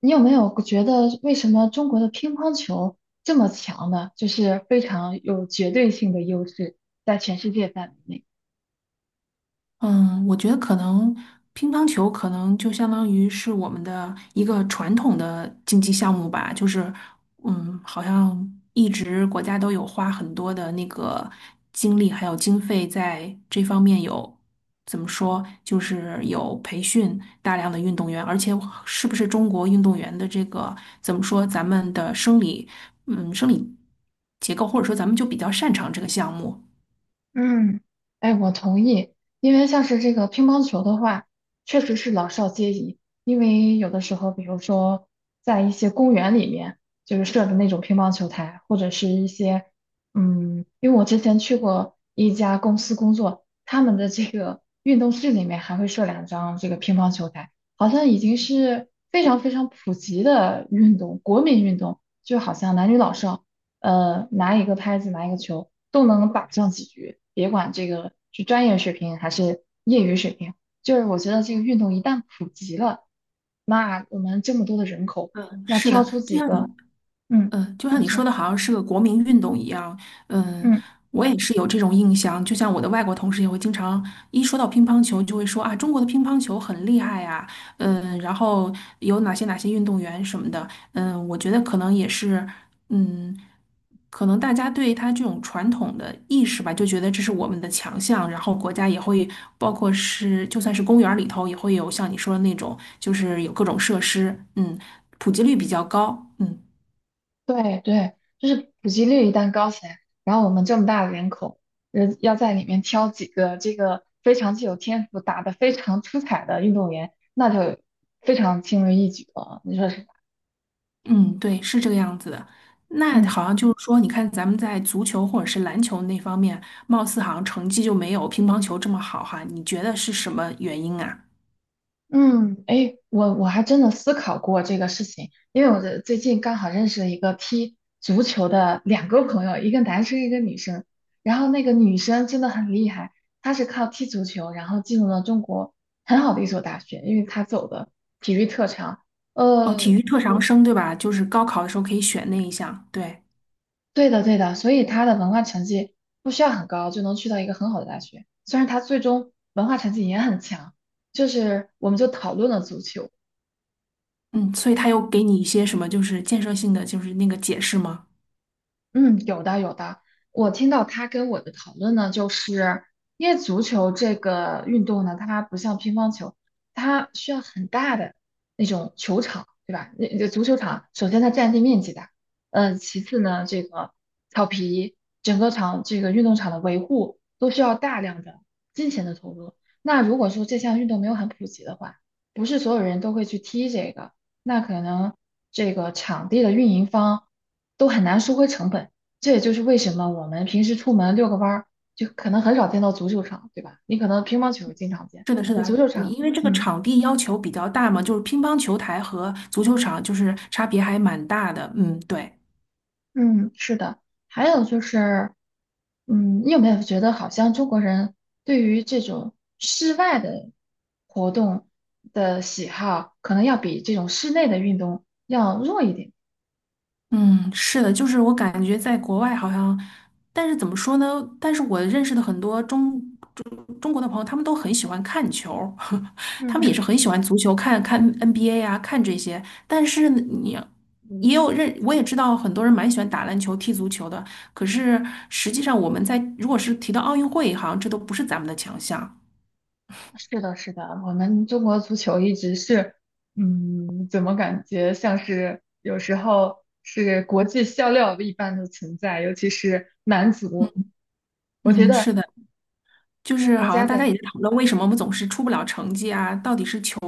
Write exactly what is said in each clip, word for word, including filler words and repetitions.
你有没有觉得为什么中国的乒乓球这么强呢？就是非常有绝对性的优势，在全世界范围内。嗯，我觉得可能乒乓球可能就相当于是我们的一个传统的竞技项目吧，就是嗯，好像一直国家都有花很多的那个精力还有经费在这方面有。怎么说，就是有培训大量的运动员，而且是不是中国运动员的这个怎么说，咱们的生理，嗯，生理结构，或者说咱们就比较擅长这个项目。嗯，哎，我同意，因为像是这个乒乓球的话，确实是老少皆宜。因为有的时候，比如说在一些公园里面，就是设的那种乒乓球台，或者是一些，嗯，因为我之前去过一家公司工作，他们的这个运动室里面还会设两张这个乒乓球台，好像已经是非常非常普及的运动，国民运动，就好像男女老少。呃，拿一个拍子，拿一个球，都能打上几局，别管这个是专业水平还是业余水平，就是我觉得这个运动一旦普及了，那我们这么多的人口，嗯，那是挑的，出就几像你个，嗯，嗯，呃就像你你说说，的，好像是个国民运动一样。嗯，嗯，我也是有这种印象。就像我的外国同事也会经常一说到乒乓球，就会说啊，中国的乒乓球很厉害呀、嗯，然后有哪些哪些运动员什么的。嗯，我觉得可能也是，嗯，可能大家对他这种传统的意识吧，就觉得这是我们的强项。然后国家也会，包括是就算是公园儿里头也会有像你说的那种，就是有各种设施，嗯，普及率比较高。嗯。对对，就是普及率一旦高起来，然后我们这么大的人口，人要在里面挑几个这个非常具有天赋、打得非常出彩的运动员，那就非常轻而易举了，你说是吧？嗯，对，是这个样子的。那嗯。好像就是说，你看咱们在足球或者是篮球那方面，貌似好像成绩就没有乒乓球这么好哈。你觉得是什么原因啊？嗯，哎，我我还真的思考过这个事情，因为我这最近刚好认识了一个踢足球的两个朋友，一个男生，一个女生。然后那个女生真的很厉害，她是靠踢足球，然后进入了中国很好的一所大学，因为她走的体育特长。哦，体呃，育特长生对吧？就是高考的时候可以选那一项，对，对的对的，所以她的文化成绩不需要很高就能去到一个很好的大学。虽然她最终文化成绩也很强，就是我们就讨论了足球。嗯，所以他有给你一些什么就是建设性的就是那个解释吗？嗯，有的有的。我听到他跟我的讨论呢，就是因为足球这个运动呢，它不像乒乓球，它需要很大的那种球场，对吧？那那足球场，首先它占地面积大，嗯、其次呢，这个草皮，整个场这个运动场的维护都需要大量的金钱的投入。那如果说这项运动没有很普及的话，不是所有人都会去踢这个，那可能这个场地的运营方。都很难收回成本。这也就是为什么我们平时出门遛个弯儿，就可能很少见到足球场，对吧？你可能乒乓球经常见，是的，是在足的，球你场，因为这个嗯场地要求比较大嘛，就是乒乓球台和足球场就是差别还蛮大的，嗯，对。嗯，是的。还有就是，嗯，你有没有觉得好像中国人对于这种室外的活动的喜好，可能要比这种室内的运动要弱一点？嗯，是的，就是我感觉在国外好像，但是怎么说呢？但是我认识的很多中中中国的朋友，他们都很喜欢看球，他们也是嗯，很喜欢足球，看看 N B A 啊，看这些。但是你也有认，我也知道很多人蛮喜欢打篮球、踢足球的。可是实际上，我们在如果是提到奥运会，好像这都不是咱们的强项。是的，是的，我们中国足球一直是，嗯，怎么感觉像是有时候是国际笑料一般的存在，尤其是男嗯足，我觉嗯，得是的，就是国好家像大家的，也在讨论为什么我们总是出不了成绩啊，到底是球。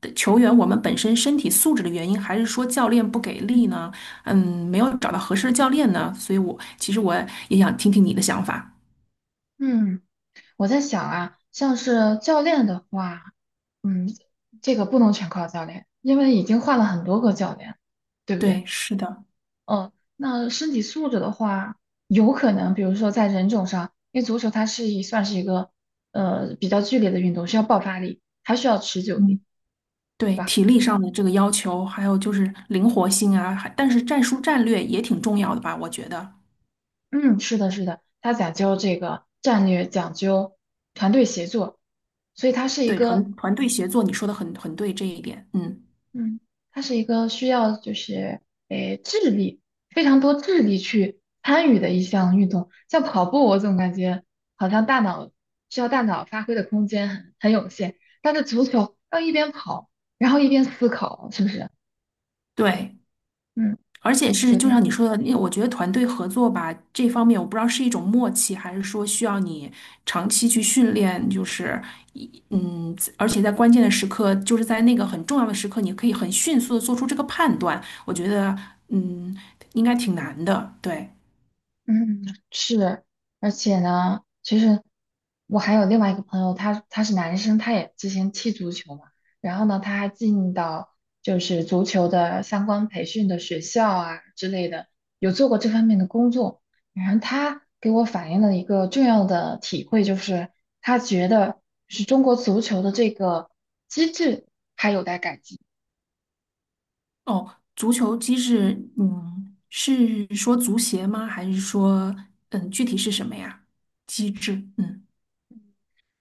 的球员我们本身身体素质的原因，还是说教练不给力呢？嗯，没有找到合适的教练呢？所以我其实我也想听听你的想法。嗯，我在想啊，像是教练的话，嗯，这个不能全靠教练，因为已经换了很多个教练，对不对？对，是的，呃，那身体素质的话，有可能，比如说在人种上，因为足球它是一算是一个呃比较剧烈的运动，需要爆发力，还需要持久力，嗯，是对，吧？体力上的这个要求，还有就是灵活性啊，还但是战术战略也挺重要的吧？我觉得，嗯，是的，是的，它讲究这个战略，讲究团队协作，所以它是一对，团个团队协作，你说的很很对这一点，嗯，嗯，它是一个需要就是诶智力非常多智力去参与的一项运动，像跑步，我总感觉好像大脑需要大脑发挥的空间很很有限，但是足球要一边跑，然后一边思考，是不是？对。嗯，而且是，有就点。像你说的，因为我觉得团队合作吧，这方面我不知道是一种默契，还是说需要你长期去训练，就是一，嗯，而且在关键的时刻，就是在那个很重要的时刻，你可以很迅速的做出这个判断。我觉得，嗯，应该挺难的。对，嗯，是，而且呢，其实我还有另外一个朋友，他他是男生，他也之前踢足球嘛，然后呢，他还进到就是足球的相关培训的学校啊之类的，有做过这方面的工作。然后他给我反映了一个重要的体会，就是他觉得是中国足球的这个机制还有待改进。哦，足球机制，嗯，是说足协吗？还是说，嗯，具体是什么呀？机制，嗯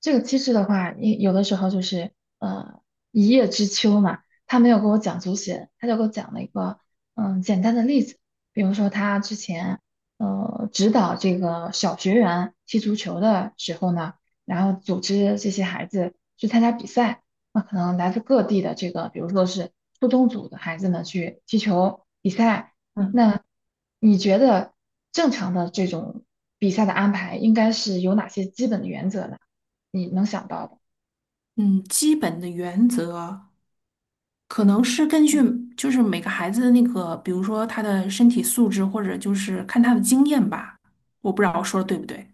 这个机制的话，你有的时候就是呃一叶知秋嘛，他没有给我讲足协，他就给我讲了一个嗯简单的例子，比如说他之前呃指导这个小学员踢足球的时候呢，然后组织这些孩子去参加比赛，那可能来自各地的这个，比如说是初中组的孩子呢去踢球比赛，嗯那你觉得正常的这种比赛的安排应该是有哪些基本的原则呢？你能想到的。嗯，基本的原则。可能是根据就是每个孩子的那个，比如说他的身体素质，或者就是看他的经验吧。我不知道我说的对不对。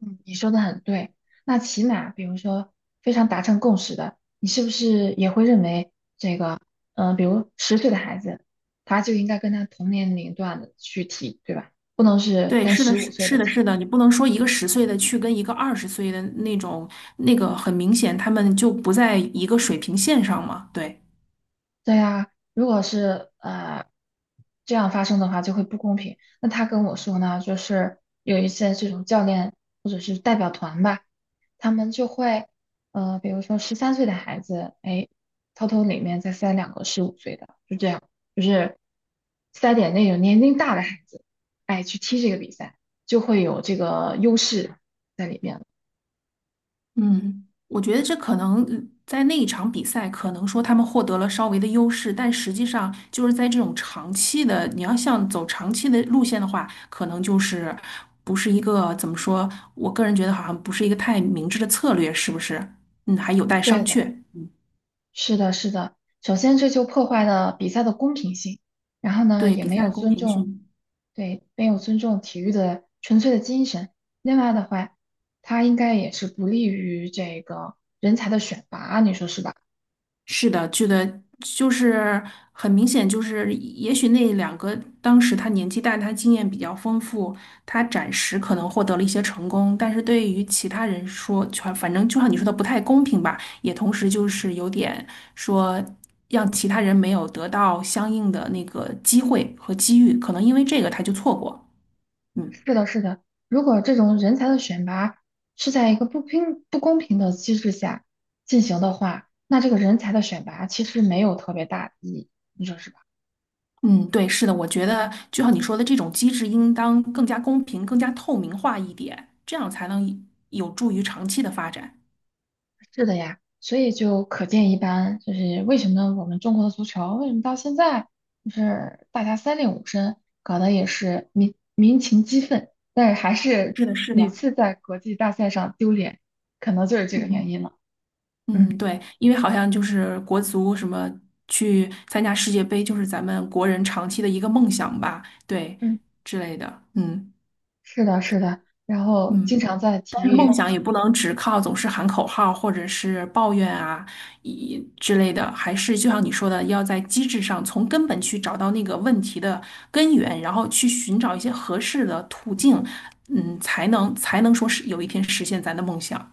嗯，你说的很对。那起码，比如说非常达成共识的，你是不是也会认为这个，嗯、比如十岁的孩子，他就应该跟他同年龄段的去提，对吧？不能是对，跟是的，十五是岁的是的，是提，的，你不能说一个十岁的去跟一个二十岁的那种，那个很明显他们就不在一个水平线上嘛。对。对呀，如果是呃这样发生的话，就会不公平。那他跟我说呢，就是有一些这种教练或者是代表团吧，他们就会呃，比如说十三岁的孩子，哎，偷偷里面再塞两个十五岁的，就这样，就是塞点那种年龄大的孩子，哎，去踢这个比赛，就会有这个优势在里面了。嗯，我觉得这可能呃在那一场比赛，可能说他们获得了稍微的优势，但实际上就是在这种长期的，你要像走长期的路线的话，可能就是不是一个怎么说，我个人觉得好像不是一个太明智的策略，是不是？嗯，还有待对商的。榷。是的，是的。首先，这就破坏了比赛的公平性，然后呢，对，也比没赛有公尊平重，性。对，没有尊重体育的纯粹的精神。另外的话，它应该也是不利于这个人才的选拔，你说是吧？是的，觉得就是很明显，就是也许那两个当时他年纪大，他经验比较丰富，他暂时可能获得了一些成功，但是对于其他人说，全反正就像你说的不太公平吧，也同时就是有点说让其他人没有得到相应的那个机会和机遇，可能因为这个他就错过，嗯。是的，是的。如果这种人才的选拔是在一个不平不公平的机制下进行的话，那这个人才的选拔其实没有特别大的意义，你说是吧？嗯，对，是的，我觉得就像你说的，这种机制应当更加公平、更加透明化一点，这样才能有助于长期的发展。是的呀，所以就可见一斑，就是为什么我们中国的足球为什么到现在就是大家三令五申，搞得也是民民情激愤，但是还是 是的，是屡的，次在国际大赛上丢脸，可能就是这个原嗯因了。嗯，嗯对，因为好像就是国足什么去参加世界杯，就是咱们国人长期的一个梦想吧，对嗯，之类的，嗯是的，是的，然后经嗯。常在但体是梦育想也不能只靠总是喊口号或者是抱怨啊，以之类的，还是就像你说的，要在机制上从根本去找到那个问题的根源，然后去寻找一些合适的途径，嗯，才能才能说是有一天实现咱的梦想。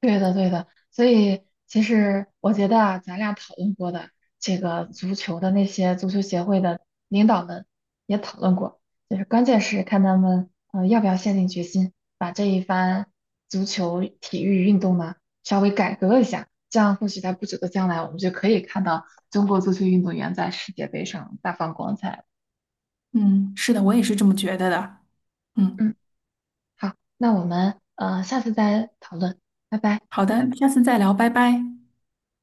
对的，对的，所以其实我觉得啊，咱俩讨论过的这个足球的那些足球协会的领导们也讨论过，就是关键是看他们呃要不要下定决心把这一番足球体育运动呢稍微改革一下，这样或许在不久的将来，我们就可以看到中国足球运动员在世界杯上大放光彩了嗯，是的，我也是这么觉得的。嗯，嗯，好，那我们呃下次再讨论，拜拜。好的，下次再聊，拜拜。